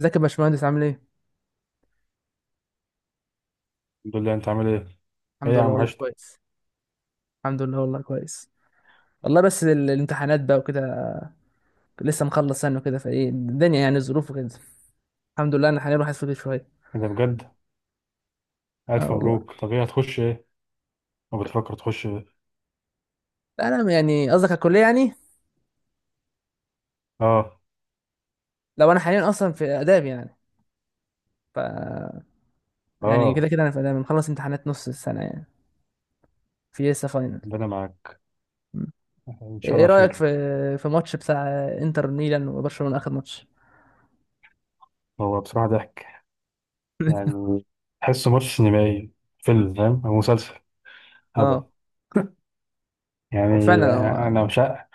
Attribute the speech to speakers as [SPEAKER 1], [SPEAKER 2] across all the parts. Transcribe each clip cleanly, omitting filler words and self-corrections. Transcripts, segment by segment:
[SPEAKER 1] ازيك يا باشمهندس عامل ايه؟
[SPEAKER 2] الحمد لله. انت عامل ايه؟ ايه
[SPEAKER 1] الحمد
[SPEAKER 2] يا
[SPEAKER 1] لله
[SPEAKER 2] عم
[SPEAKER 1] والله
[SPEAKER 2] وحشتك.
[SPEAKER 1] كويس. الحمد لله والله كويس. والله بس الامتحانات بقى وكده. لسه مخلص سنة وكده فايه الدنيا، يعني الظروف وكده. الحمد لله، انا حاليا راح اسافر شوية.
[SPEAKER 2] ايه ده بجد؟
[SPEAKER 1] اه
[SPEAKER 2] الف
[SPEAKER 1] والله.
[SPEAKER 2] مبروك، طب ايه هتخش ايه؟ ما بتفكر تخش ايه؟
[SPEAKER 1] انا يعني قصدك على الكلية يعني.
[SPEAKER 2] اه.
[SPEAKER 1] لو انا حاليا اصلا في آداب يعني. ف يعني كده
[SPEAKER 2] اه
[SPEAKER 1] كده انا في آداب، مخلص امتحانات نص السنة يعني. في لسه فاينل.
[SPEAKER 2] ده انا معاك.
[SPEAKER 1] م.
[SPEAKER 2] ان شاء
[SPEAKER 1] ايه
[SPEAKER 2] الله
[SPEAKER 1] رأيك
[SPEAKER 2] خير.
[SPEAKER 1] في في ماتش بتاع انتر ميلان وبرشلونة، اخر ماتش؟
[SPEAKER 2] هو بصراحة ضحك، يعني تحسه ماتش سينمائي، فيلم فاهم او مسلسل هبل
[SPEAKER 1] اه هو فعلا
[SPEAKER 2] يعني.
[SPEAKER 1] هو.
[SPEAKER 2] انا مش ع-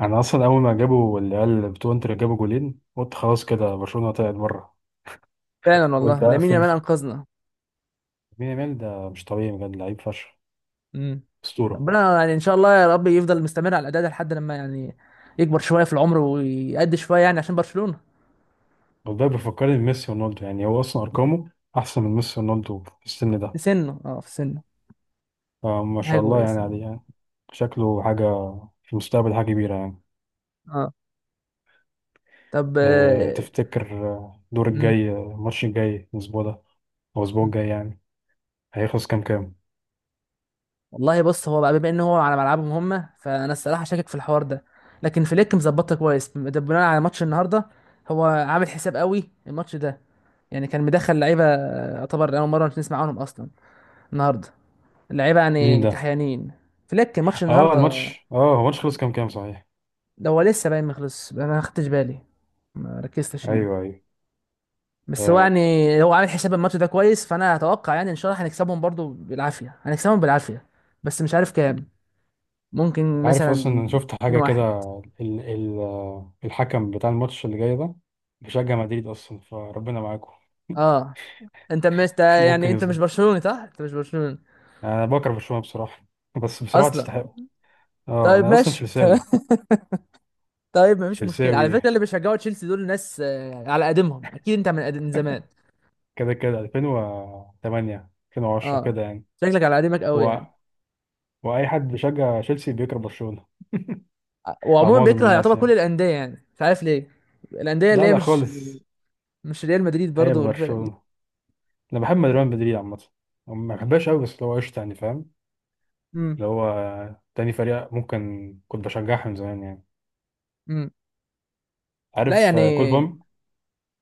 [SPEAKER 2] انا اصلا اول ما جابوا العيال بتوع انتر جابوا جولين قلت خلاص كده برشلونة طلعت بره.
[SPEAKER 1] فعلا
[SPEAKER 2] قلت
[SPEAKER 1] والله لامين
[SPEAKER 2] اقفل.
[SPEAKER 1] يامال انقذنا.
[SPEAKER 2] مين يامال ده؟ مش طبيعي بجد، لعيب فشخ،
[SPEAKER 1] امم
[SPEAKER 2] اسطورة.
[SPEAKER 1] ربنا يعني ان شاء الله يا رب يفضل مستمر على الاداء ده لحد لما يعني يكبر شويه في العمر ويأدي شويه يعني عشان برشلونه.
[SPEAKER 2] والله بيفكرني بميسي ورونالدو، يعني هو اصلا ارقامه احسن من ميسي ورونالدو في السن ده،
[SPEAKER 1] في سنه، في سنه.
[SPEAKER 2] فما
[SPEAKER 1] دي حاجه
[SPEAKER 2] شاء الله يعني
[SPEAKER 1] كويسه.
[SPEAKER 2] عليه يعني. شكله حاجه في المستقبل حاجه كبيره يعني.
[SPEAKER 1] اه طب
[SPEAKER 2] أه تفتكر آه، الدور
[SPEAKER 1] امم
[SPEAKER 2] الجاي آه، الماتش الجاي الاسبوع ده او الاسبوع الجاي يعني هيخلص كام كام؟
[SPEAKER 1] والله بص، هو بقى بما ان هو على ملعبهم هم، فانا الصراحه شاكك في الحوار ده. لكن فليك مظبطها كويس، ده بناء على ماتش النهارده. هو عامل حساب قوي الماتش ده. يعني كان مدخل لعيبه يعتبر اول مره نسمع عنهم اصلا النهارده. اللعيبه
[SPEAKER 2] مين
[SPEAKER 1] يعني
[SPEAKER 2] ده؟
[SPEAKER 1] كحيانين. فليك ماتش
[SPEAKER 2] اه
[SPEAKER 1] النهارده.
[SPEAKER 2] الماتش، اه هو الماتش خلص كام كام صحيح؟
[SPEAKER 1] ده هو لسه باين، ما خلص، انا ما خدتش بالي، ما ركزتش يعني.
[SPEAKER 2] ايوه ايوه.
[SPEAKER 1] بس هو
[SPEAKER 2] آه،
[SPEAKER 1] يعني هو عامل حساب الماتش ده كويس، فانا اتوقع يعني ان شاء الله هنكسبهم برضو بالعافيه، هنكسبهم بالعافيه. بس مش عارف كام. ممكن
[SPEAKER 2] عارف اصلا
[SPEAKER 1] مثلا
[SPEAKER 2] انا شفت
[SPEAKER 1] 2
[SPEAKER 2] حاجه كده.
[SPEAKER 1] واحد.
[SPEAKER 2] ال آه، الحكم بتاع الماتش اللي جاي ده بيشجع مدريد اصلا، فربنا معاكم.
[SPEAKER 1] اه، انت يعني
[SPEAKER 2] ممكن يظلم.
[SPEAKER 1] انت مش برشلوني
[SPEAKER 2] انا بكره برشلونه بصراحه، بس بصراحه
[SPEAKER 1] اصلا؟
[SPEAKER 2] تستحقه. اه
[SPEAKER 1] طيب،
[SPEAKER 2] انا اصلا
[SPEAKER 1] ماشي تمام.
[SPEAKER 2] تشيلساوي،
[SPEAKER 1] طيب مفيش مشكله على فكره.
[SPEAKER 2] تشيلساوي
[SPEAKER 1] اللي بيشجعوا تشيلسي دول ناس على قديمهم، اكيد انت من قديم، من زمان.
[SPEAKER 2] كده كده، 2008 2010
[SPEAKER 1] اه،
[SPEAKER 2] كده يعني.
[SPEAKER 1] شكلك على قديمك قوي
[SPEAKER 2] و...
[SPEAKER 1] يعني.
[SPEAKER 2] واي حد بيشجع تشيلسي بيكره برشلونه، او
[SPEAKER 1] وعموما
[SPEAKER 2] معظم
[SPEAKER 1] بيكره يعتبر
[SPEAKER 2] الناس
[SPEAKER 1] كل
[SPEAKER 2] يعني.
[SPEAKER 1] الانديه يعني، مش عارف ليه. الانديه اللي
[SPEAKER 2] لا
[SPEAKER 1] هي
[SPEAKER 2] لا
[SPEAKER 1] مش،
[SPEAKER 2] خالص.
[SPEAKER 1] مش ريال مدريد،
[SPEAKER 2] هي
[SPEAKER 1] برضه الفرق دي.
[SPEAKER 2] برشلونه، انا بحب ريال مدريد عامه، ما بحبهاش قوي، بس اللي هو قشطه يعني فاهم،
[SPEAKER 1] امم.
[SPEAKER 2] اللي هو تاني فريق ممكن كنت بشجعها من زمان يعني.
[SPEAKER 1] امم. لا
[SPEAKER 2] عارف آه، كول
[SPEAKER 1] يعني،
[SPEAKER 2] بوم.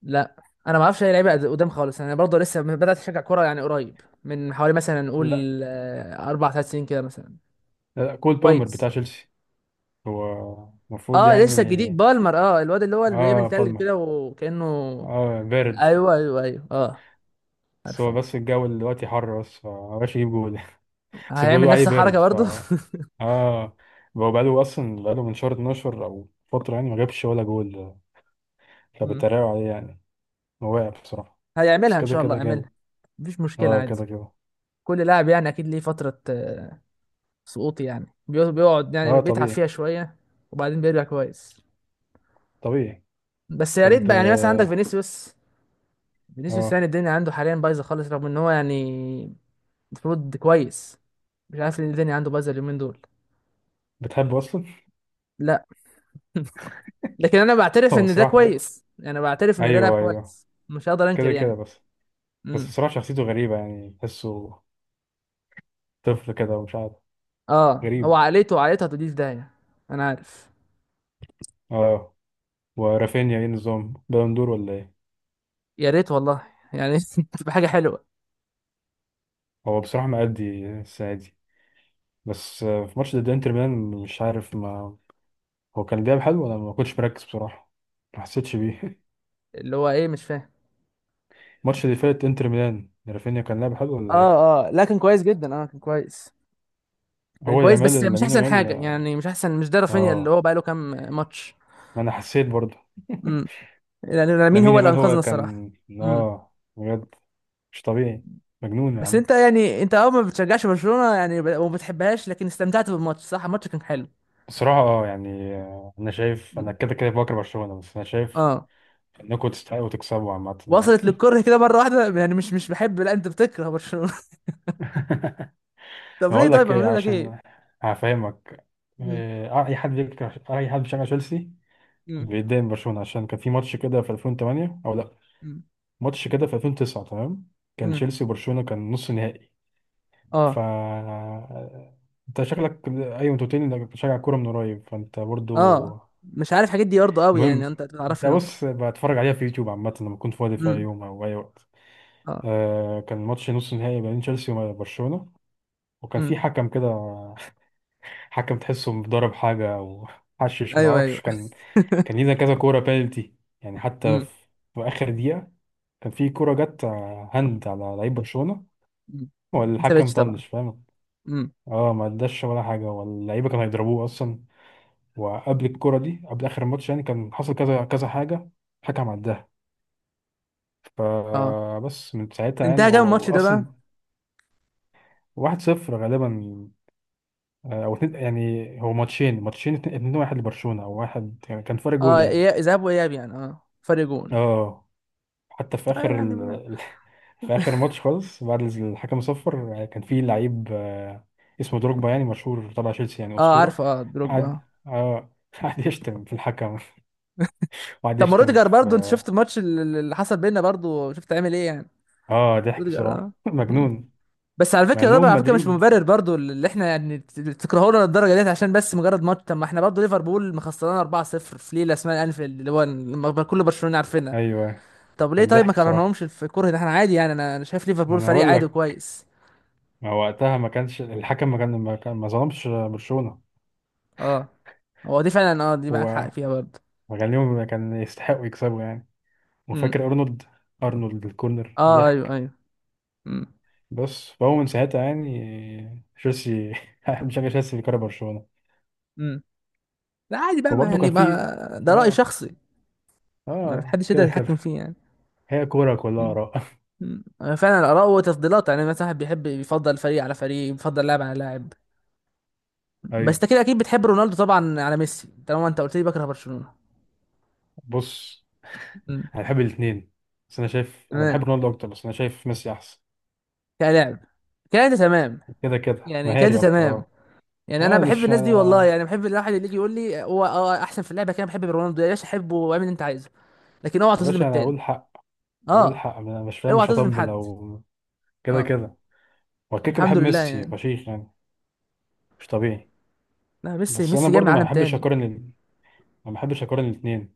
[SPEAKER 1] لا، انا ما اعرفش اي لعيبه قدام خالص، انا برضه لسه بدات اشجع كوره يعني قريب، من حوالي مثلا
[SPEAKER 2] لا
[SPEAKER 1] نقول اربع، ثلاث سنين كده مثلا.
[SPEAKER 2] لا، كول بالمر بتاع
[SPEAKER 1] كويس.
[SPEAKER 2] تشيلسي. هو المفروض
[SPEAKER 1] اه
[SPEAKER 2] يعني.
[SPEAKER 1] لسه جديد بالمر، اه الواد اللي هو اللي بيعمل
[SPEAKER 2] اه
[SPEAKER 1] تلج
[SPEAKER 2] بالمر،
[SPEAKER 1] كده وكانه.
[SPEAKER 2] اه بارد.
[SPEAKER 1] ايوه ايوه ايوه اه،
[SPEAKER 2] بس هو
[SPEAKER 1] عارفه.
[SPEAKER 2] بس الجو دلوقتي حر، بس فمبقاش يجيب جول. بس
[SPEAKER 1] هيعمل
[SPEAKER 2] بيقولوا عليه
[SPEAKER 1] نفس الحركه
[SPEAKER 2] بارد ف.
[SPEAKER 1] برضه.
[SPEAKER 2] اه هو بقاله أصلا، بقاله من شهر 12 أو فترة يعني ما جابش ولا جول،
[SPEAKER 1] مم.
[SPEAKER 2] فبيتريقوا عليه يعني. هو واقع بصراحة، بس
[SPEAKER 1] هيعملها ان
[SPEAKER 2] كده
[SPEAKER 1] شاء الله،
[SPEAKER 2] كده
[SPEAKER 1] يعملها.
[SPEAKER 2] جامد.
[SPEAKER 1] مفيش مشكله،
[SPEAKER 2] اه
[SPEAKER 1] عادي.
[SPEAKER 2] كده كده.
[SPEAKER 1] كل لاعب يعني اكيد ليه فتره سقوط، يعني بيقعد يعني
[SPEAKER 2] اه
[SPEAKER 1] بيتعب
[SPEAKER 2] طبيعي.
[SPEAKER 1] فيها شويه، وبعدين بيرجع كويس.
[SPEAKER 2] طبيعي.
[SPEAKER 1] بس يا ريت
[SPEAKER 2] طب
[SPEAKER 1] بقى يعني، مثلا عندك
[SPEAKER 2] اه
[SPEAKER 1] فينيسيوس. فينيسيوس
[SPEAKER 2] آه،
[SPEAKER 1] يعني الدنيا عنده حاليا بايظه خالص، رغم ان هو يعني المفروض كويس. مش عارف ليه الدنيا عنده بايظه اليومين دول.
[SPEAKER 2] بتحبه أصلا؟
[SPEAKER 1] لا، لكن انا بعترف
[SPEAKER 2] هو
[SPEAKER 1] ان ده
[SPEAKER 2] بصراحة،
[SPEAKER 1] كويس، يعني بعترف ان ده لاعب
[SPEAKER 2] أيوه أيوه
[SPEAKER 1] كويس، مش هقدر انكر
[SPEAKER 2] كده كده
[SPEAKER 1] يعني.
[SPEAKER 2] بس. بس
[SPEAKER 1] امم.
[SPEAKER 2] بصراحة شخصيته غريبة، يعني تحسه طفل كده ومش عارف.
[SPEAKER 1] اه هو
[SPEAKER 2] غريب.
[SPEAKER 1] عقليته، عقليته هتوديه في داهيه. انا عارف.
[SPEAKER 2] اه ورافينيا ايه نظام، بالون دور ولا ايه؟
[SPEAKER 1] يا ريت والله، يعني تبقى حاجه حلوه.
[SPEAKER 2] هو بصراحة مأدي السنة دي، بس آه، في ماتش ضد انتر ميلان مش عارف ما، هو كان لعب حلو ولا ما كنتش مركز بصراحة، ما حسيتش بيه.
[SPEAKER 1] اللي هو ايه، مش فاهم.
[SPEAKER 2] الماتش اللي فات انتر ميلان، رافينيا كان لعب حلو ولا
[SPEAKER 1] اه
[SPEAKER 2] ايه؟
[SPEAKER 1] اه، لا كان كويس جدا، اه كان كويس. كان
[SPEAKER 2] هو
[SPEAKER 1] كويس بس
[SPEAKER 2] يامال،
[SPEAKER 1] مش
[SPEAKER 2] لامين
[SPEAKER 1] احسن
[SPEAKER 2] يامال
[SPEAKER 1] حاجه
[SPEAKER 2] اه.
[SPEAKER 1] يعني، مش احسن، مش ده رافينيا اللي
[SPEAKER 2] آه،
[SPEAKER 1] هو بقاله كام ماتش.
[SPEAKER 2] ما انا حسيت برضه.
[SPEAKER 1] يعني مين
[SPEAKER 2] لامين
[SPEAKER 1] هو اللي
[SPEAKER 2] يامال
[SPEAKER 1] انقذنا
[SPEAKER 2] هو
[SPEAKER 1] الصراحه؟
[SPEAKER 2] كان،
[SPEAKER 1] امم.
[SPEAKER 2] اه بجد مش طبيعي، مجنون يا
[SPEAKER 1] بس
[SPEAKER 2] عم.
[SPEAKER 1] انت يعني انت، اه، ما بتشجعش برشلونه يعني، وما بتحبهاش، لكن استمتعت بالماتش، صح؟ الماتش كان حلو.
[SPEAKER 2] بصراحة اه يعني آه، انا شايف انا
[SPEAKER 1] مم.
[SPEAKER 2] كده كده بكره برشلونة، بس انا شايف
[SPEAKER 1] اه.
[SPEAKER 2] انكم تستحقوا تكسبوا عامة
[SPEAKER 1] وصلت
[SPEAKER 2] يعني.
[SPEAKER 1] للكره كده مره واحده يعني، مش، مش بحب، لا انت بتكره برشلونه. طب ليه؟
[SPEAKER 2] هقول
[SPEAKER 1] طيب
[SPEAKER 2] لك إيه،
[SPEAKER 1] عملوا لك ايه؟
[SPEAKER 2] عشان هفهمك.
[SPEAKER 1] مم.
[SPEAKER 2] إيه، آه، اي حد بيكره، اي حد بيشجع تشيلسي
[SPEAKER 1] مم.
[SPEAKER 2] بيتضايق من برشلونه، عشان كان في ماتش كده في 2008 او لا،
[SPEAKER 1] مم.
[SPEAKER 2] ماتش كده في 2009 تمام، كان
[SPEAKER 1] مم.
[SPEAKER 2] تشيلسي وبرشلونه كان نص نهائي. ف
[SPEAKER 1] اه.
[SPEAKER 2] انت شكلك ايوه، انت قلت لي انك بتشجع كوره من قريب، فانت برضو.
[SPEAKER 1] اه، مش عارف الحاجات دي برضه قوي يعني،
[SPEAKER 2] المهم،
[SPEAKER 1] انت
[SPEAKER 2] انت
[SPEAKER 1] تعرفني اهو.
[SPEAKER 2] بص، بتفرج عليها في يوتيوب عامه لما كنت فاضي في اي
[SPEAKER 1] امم.
[SPEAKER 2] يوم او اي وقت.
[SPEAKER 1] اه.
[SPEAKER 2] آه كان ماتش نص نهائي بين تشيلسي وبرشلونه، وكان
[SPEAKER 1] امم.
[SPEAKER 2] في حكم كده، حكم تحسه مضارب حاجة أو حشش
[SPEAKER 1] ايوه ايوه.
[SPEAKER 2] معرفش كان. كان لينا كذا كورة بينالتي، يعني حتى
[SPEAKER 1] امم.
[SPEAKER 2] في، في آخر دقيقة كان في كورة جت آه، هاند على لعيب برشلونة،
[SPEAKER 1] امم. ما
[SPEAKER 2] والحكم
[SPEAKER 1] سابتش طبعا.
[SPEAKER 2] طنش فاهم.
[SPEAKER 1] امم.
[SPEAKER 2] اه ما اداش ولا حاجة، واللعيبة كانوا هيضربوه أصلا. وقبل الكورة دي، قبل آخر الماتش يعني، كان حصل كذا كذا حاجة الحكم عداها،
[SPEAKER 1] اه.
[SPEAKER 2] فبس من ساعتها يعني.
[SPEAKER 1] انتهى كام
[SPEAKER 2] هو
[SPEAKER 1] الماتش ده بقى؟
[SPEAKER 2] أصلا واحد صفر غالبا، آه، أو اتنين يعني، هو ماتشين، ماتشين اتنين اتنين، واحد لبرشلونة أو واحد، يعني كان فرق جول
[SPEAKER 1] اه،
[SPEAKER 2] يعني.
[SPEAKER 1] اياب، ذهاب واياب يعني، اه فرق جون.
[SPEAKER 2] اه حتى في
[SPEAKER 1] طيب
[SPEAKER 2] اخر
[SPEAKER 1] يعني
[SPEAKER 2] في اخر ماتش خالص بعد الحكم صفر، كان في لعيب آه، اسمه دروجبا يعني مشهور تبع تشيلسي يعني
[SPEAKER 1] اه،
[SPEAKER 2] اسطوره.
[SPEAKER 1] عارفه، اه دروجبا
[SPEAKER 2] قعد،
[SPEAKER 1] اه.
[SPEAKER 2] اه قعد يشتم في الحكم، وقعد
[SPEAKER 1] طب ما
[SPEAKER 2] يشتم
[SPEAKER 1] روديجر
[SPEAKER 2] في.
[SPEAKER 1] برضو، انت شفت الماتش اللي اللي حصل بينا برضو؟ شفت عامل ايه يعني؟
[SPEAKER 2] اه ضحك
[SPEAKER 1] روديجر اه.
[SPEAKER 2] بصراحه،
[SPEAKER 1] مم.
[SPEAKER 2] مجنون.
[SPEAKER 1] بس على
[SPEAKER 2] مع
[SPEAKER 1] فكره ده،
[SPEAKER 2] انهم
[SPEAKER 1] على فكره مش
[SPEAKER 2] مدريد.
[SPEAKER 1] مبرر برضو اللي احنا يعني تكرهونا للدرجه ديت عشان بس مجرد ماتش. طب ما احنا برضو ليفربول مخسرانا 4-0 في ليله اسمها انفيلد، اللي هو لما كل برشلونه عارفينها.
[SPEAKER 2] ايوه.
[SPEAKER 1] طب ليه؟
[SPEAKER 2] كان
[SPEAKER 1] طيب، ما
[SPEAKER 2] ضحك بصراحه.
[SPEAKER 1] كرهناهمش في الكره ده، احنا عادي يعني. انا، انا شايف
[SPEAKER 2] ما
[SPEAKER 1] ليفربول
[SPEAKER 2] انا
[SPEAKER 1] فريق
[SPEAKER 2] اقول
[SPEAKER 1] عادي
[SPEAKER 2] لك،
[SPEAKER 1] وكويس.
[SPEAKER 2] ما وقتها ما كانش الحكم، ما كان ما, كان ما ظلمش برشلونه.
[SPEAKER 1] اه هو دي فعلا، اه دي معاك حق
[SPEAKER 2] هو
[SPEAKER 1] فيها برضو.
[SPEAKER 2] ما كان ليهم، كان يستحقوا يكسبوا يعني.
[SPEAKER 1] امم.
[SPEAKER 2] وفاكر ارنولد، ارنولد الكورنر
[SPEAKER 1] اه. ايوه
[SPEAKER 2] ضحك.
[SPEAKER 1] ايوه.
[SPEAKER 2] بص فهو من ساعتها يعني تشيلسي، بشجع تشيلسي بيكره برشلونة.
[SPEAKER 1] امم. لا عادي بقى، ما
[SPEAKER 2] وبرضه
[SPEAKER 1] يعني،
[SPEAKER 2] كان في
[SPEAKER 1] ما ده رأي
[SPEAKER 2] اه،
[SPEAKER 1] شخصي، ما
[SPEAKER 2] اه
[SPEAKER 1] حدش يقدر
[SPEAKER 2] كده كده.
[SPEAKER 1] يتحكم فيه يعني.
[SPEAKER 2] هي كورة كلها
[SPEAKER 1] مم.
[SPEAKER 2] آراء.
[SPEAKER 1] مم. فعلا، الآراء وتفضيلات يعني، مثلا واحد بيحب، يفضل فريق على فريق، يفضل لاعب على لاعب. بس
[SPEAKER 2] ايوه
[SPEAKER 1] انت كده اكيد بتحب رونالدو طبعا على ميسي، طالما انت قلت لي بكره برشلونة.
[SPEAKER 2] بص،
[SPEAKER 1] مم.
[SPEAKER 2] انا بحب الاثنين، بس انا شايف انا
[SPEAKER 1] تمام.
[SPEAKER 2] بحب رونالدو اكتر، بس انا شايف ميسي احسن.
[SPEAKER 1] كلاعب، كده انت تمام.
[SPEAKER 2] كده كده
[SPEAKER 1] يعني كده انت
[SPEAKER 2] مهاري اكتر
[SPEAKER 1] تمام.
[SPEAKER 2] اه.
[SPEAKER 1] يعني
[SPEAKER 2] اه
[SPEAKER 1] انا
[SPEAKER 2] انا
[SPEAKER 1] بحب
[SPEAKER 2] مش
[SPEAKER 1] الناس دي والله،
[SPEAKER 2] انا،
[SPEAKER 1] يعني بحب الواحد اللي يجي يقول لي هو اه احسن في اللعبه. كده بحب رونالدو، يا باشا حبه واعمل اللي انت عايزه، لكن اوعى
[SPEAKER 2] يا
[SPEAKER 1] تظلم
[SPEAKER 2] باشا انا
[SPEAKER 1] التاني.
[SPEAKER 2] اقول حق، اقول
[SPEAKER 1] اه.
[SPEAKER 2] حق، انا مش فاهم
[SPEAKER 1] اوعى
[SPEAKER 2] مش
[SPEAKER 1] تظلم
[SPEAKER 2] هطبل
[SPEAKER 1] حد.
[SPEAKER 2] او كده
[SPEAKER 1] اه.
[SPEAKER 2] كده. هو كده كده بحب
[SPEAKER 1] الحمد لله
[SPEAKER 2] ميسي
[SPEAKER 1] يعني.
[SPEAKER 2] فشيخ يعني، مش طبيعي.
[SPEAKER 1] لا، ميسي،
[SPEAKER 2] بس انا
[SPEAKER 1] ميسي جاي من
[SPEAKER 2] برضو ما
[SPEAKER 1] عالم
[SPEAKER 2] بحبش
[SPEAKER 1] تاني.
[SPEAKER 2] اقارن الاثنين.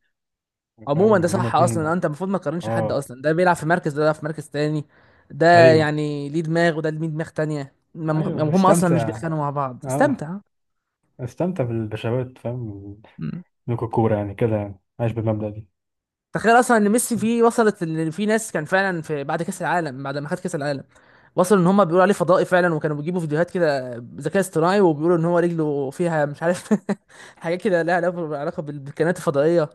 [SPEAKER 1] عموما
[SPEAKER 2] فاهم
[SPEAKER 1] ده
[SPEAKER 2] يعني هما
[SPEAKER 1] صح اصلا،
[SPEAKER 2] الاثنين
[SPEAKER 1] انت المفروض ما تقارنش حد
[SPEAKER 2] اه.
[SPEAKER 1] اصلا، ده بيلعب في مركز، ده بيلعب في مركز تاني. ده
[SPEAKER 2] ايوه.
[SPEAKER 1] يعني ليه دماغ، وده ليه دماغ تانية،
[SPEAKER 2] ايوه
[SPEAKER 1] هم اصلا مش
[SPEAKER 2] استمتع.
[SPEAKER 1] بيتخانقوا مع بعض،
[SPEAKER 2] اه
[SPEAKER 1] استمتع.
[SPEAKER 2] استمتع بالبشاوات فاهم،
[SPEAKER 1] مم.
[SPEAKER 2] الكوكورة يعني كده يعني، عايش بالمبدأ دي.
[SPEAKER 1] تخيل اصلا ان ميسي فيه، وصلت ان في ناس كان فعلا، في بعد كاس العالم بعد ما خد كاس العالم وصلوا ان هم بيقولوا عليه فضائي فعلا، وكانوا بيجيبوا فيديوهات كده ذكاء اصطناعي، وبيقولوا ان هو رجله فيها مش عارف حاجات كده لها علاقه، علاقة بالكائنات الفضائيه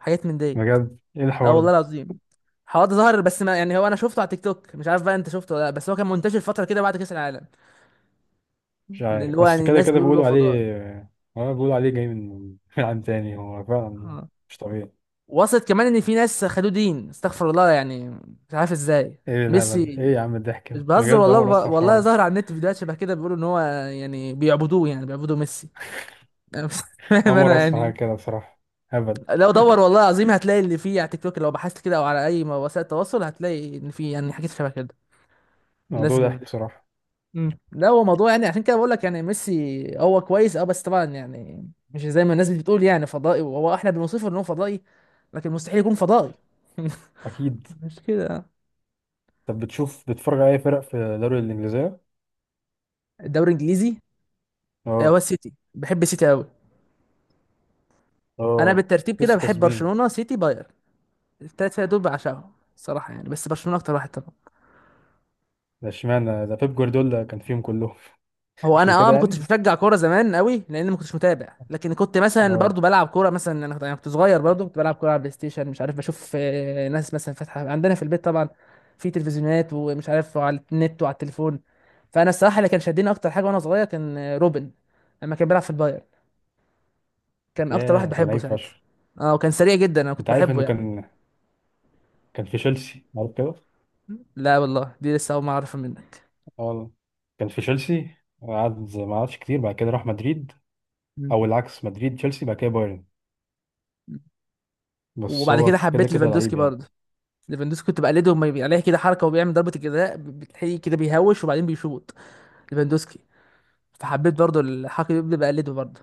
[SPEAKER 1] وحاجات من ديت.
[SPEAKER 2] بجد ايه
[SPEAKER 1] لا
[SPEAKER 2] الحوار
[SPEAKER 1] والله
[SPEAKER 2] ده؟
[SPEAKER 1] العظيم. حواد ظهر بس، ما يعني هو انا شفته على تيك توك، مش عارف بقى انت شفته ولا لا، بس هو كان منتشر فتره كده بعد كاس العالم.
[SPEAKER 2] مش
[SPEAKER 1] اللي
[SPEAKER 2] عارف،
[SPEAKER 1] هو
[SPEAKER 2] بس
[SPEAKER 1] يعني
[SPEAKER 2] كده
[SPEAKER 1] الناس
[SPEAKER 2] كده
[SPEAKER 1] بيقولوا له
[SPEAKER 2] بيقولوا عليه.
[SPEAKER 1] فضائي.
[SPEAKER 2] اه بيقولوا عليه جاي من من عالم تاني. هو فعلا
[SPEAKER 1] اه،
[SPEAKER 2] مش طبيعي.
[SPEAKER 1] وصلت كمان ان في ناس خدوه دين، استغفر الله يعني، مش عارف ازاي.
[SPEAKER 2] ايه الهبل،
[SPEAKER 1] ميسي.
[SPEAKER 2] ايه يا عم الضحك
[SPEAKER 1] مش
[SPEAKER 2] ده
[SPEAKER 1] بهزر
[SPEAKER 2] بجد، اول
[SPEAKER 1] والله.
[SPEAKER 2] مرة اسمع الحوار
[SPEAKER 1] والله
[SPEAKER 2] ده.
[SPEAKER 1] ظهر على النت فيديوهات شبه كده، بيقولوا ان هو يعني بيعبدوه، يعني بيعبدوا ميسي. أنا مش فاهم
[SPEAKER 2] اول مرة
[SPEAKER 1] انا
[SPEAKER 2] اسمع حاجة
[SPEAKER 1] يعني.
[SPEAKER 2] كده بصراحة. هبل.
[SPEAKER 1] لو دور والله العظيم هتلاقي اللي فيه على تيك توك، لو بحثت كده او على اي وسائل تواصل هتلاقي ان في يعني حاجات شبه كده. الناس.
[SPEAKER 2] موضوع ضحك بصراحة.
[SPEAKER 1] مم. لا هو موضوع يعني، عشان كده بقول لك يعني ميسي هو كويس اه، بس طبعا يعني مش زي ما الناس بتقول يعني فضائي، وهو احنا بنوصفه ان هو فضائي، لكن مستحيل يكون فضائي.
[SPEAKER 2] اكيد.
[SPEAKER 1] مش كده؟
[SPEAKER 2] طب بتشوف، بتتفرج على اي فرق في الدوري الانجليزية؟
[SPEAKER 1] الدوري الانجليزي هو
[SPEAKER 2] اه.
[SPEAKER 1] السيتي، بحب السيتي قوي. انا
[SPEAKER 2] اه.
[SPEAKER 1] بالترتيب كده
[SPEAKER 2] لسه
[SPEAKER 1] بحب
[SPEAKER 2] كاسبين.
[SPEAKER 1] برشلونة، سيتي، بايرن. الثلاث فرق دول بعشقهم الصراحة يعني، بس برشلونة اكتر واحد طبعا.
[SPEAKER 2] ده اشمعنى ده، بيب جوارديولا كان فيهم كلهم.
[SPEAKER 1] هو انا
[SPEAKER 2] عشان
[SPEAKER 1] اه
[SPEAKER 2] كده
[SPEAKER 1] ما كنتش
[SPEAKER 2] يعني.
[SPEAKER 1] بشجع كوره زمان قوي، لان ما كنتش متابع، لكن كنت مثلا
[SPEAKER 2] اه.
[SPEAKER 1] برضو بلعب كوره مثلا. انا كنت، أنا كنت صغير برضو كنت بلعب كوره على بلاي ستيشن، مش عارف، بشوف ناس مثلا فاتحه عندنا في البيت طبعا في تلفزيونات، ومش عارف على النت وعلى التليفون. فانا الصراحه اللي كان شدني اكتر حاجه وانا صغير كان روبن لما كان بيلعب في البايرن، كان اكتر واحد
[SPEAKER 2] ياه كان
[SPEAKER 1] بحبه
[SPEAKER 2] لعيب
[SPEAKER 1] ساعتها.
[SPEAKER 2] فشخ.
[SPEAKER 1] اه وكان سريع جدا، انا كنت
[SPEAKER 2] انت عارف
[SPEAKER 1] بحبه
[SPEAKER 2] انه
[SPEAKER 1] يعني.
[SPEAKER 2] كان، كان في تشيلسي عارف كده؟
[SPEAKER 1] لا والله، دي لسه اول ما اعرفها منك.
[SPEAKER 2] اه والله. كان في تشيلسي، قعد ما قعدش كتير، بعد كده راح مدريد،
[SPEAKER 1] مم.
[SPEAKER 2] او العكس مدريد تشيلسي بعد كده بايرن. بس
[SPEAKER 1] وبعد
[SPEAKER 2] هو
[SPEAKER 1] كده
[SPEAKER 2] كده
[SPEAKER 1] حبيت
[SPEAKER 2] كده
[SPEAKER 1] ليفاندوسكي
[SPEAKER 2] لعيب يعني.
[SPEAKER 1] برضو. ليفاندوسكي كنت بقلده، لما يبقى عليه كده حركه وبيعمل ضربه الجزاء، بتلاقيه كده بيهوش وبعدين بيشوط. ليفاندوسكي. فحبيت برضو الحركه دي، بقى بقلده برضو.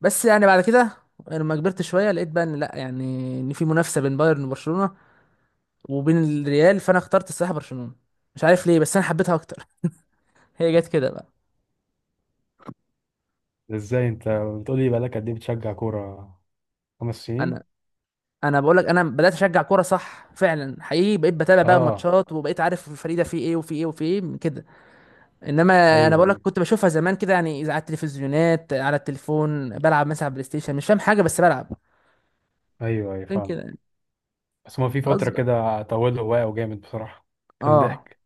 [SPEAKER 1] بس يعني بعد كده، يعني لما كبرت شويه لقيت بقى ان لا يعني، ان في منافسه بين بايرن وبرشلونه وبين الريال، فانا اخترت الصراحه برشلونه. مش عارف ليه بس انا حبيتها اكتر. هي جت كده بقى.
[SPEAKER 2] ازاي انت بتقولي بقالك قد ايه بتشجع كورة، خمس
[SPEAKER 1] انا،
[SPEAKER 2] سنين؟
[SPEAKER 1] انا بقول لك انا بدات اشجع كوره صح فعلا حقيقي، بقيت بتابع بقى
[SPEAKER 2] اه
[SPEAKER 1] ماتشات، وبقيت عارف الفريق ده فيه ايه وفيه ايه وفيه ايه من كده. انما انا
[SPEAKER 2] ايوه
[SPEAKER 1] بقول لك
[SPEAKER 2] ايوه.
[SPEAKER 1] كنت بشوفها زمان كده يعني، اذا على التلفزيونات، على التليفون، بلعب مثلا على البلاي ستيشن، مش فاهم حاجه بس بلعب.
[SPEAKER 2] ايوه ايوه
[SPEAKER 1] عشان كده
[SPEAKER 2] فاهم.
[SPEAKER 1] يعني
[SPEAKER 2] بس هو في فترة
[SPEAKER 1] غصب.
[SPEAKER 2] كده طوله واقع جامد بصراحة، كان
[SPEAKER 1] اه،
[SPEAKER 2] ضحك.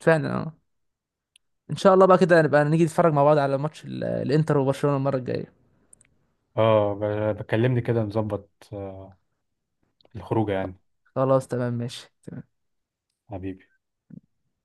[SPEAKER 1] فعلا اه. ان شاء الله بقى كده نبقى نيجي نتفرج مع بعض على ماتش الانتر وبرشلونه المره الجايه.
[SPEAKER 2] اه بكلمني كده نظبط آه، الخروجه يعني.
[SPEAKER 1] خلاص، تمام، ماشي تمام.
[SPEAKER 2] حبيبي.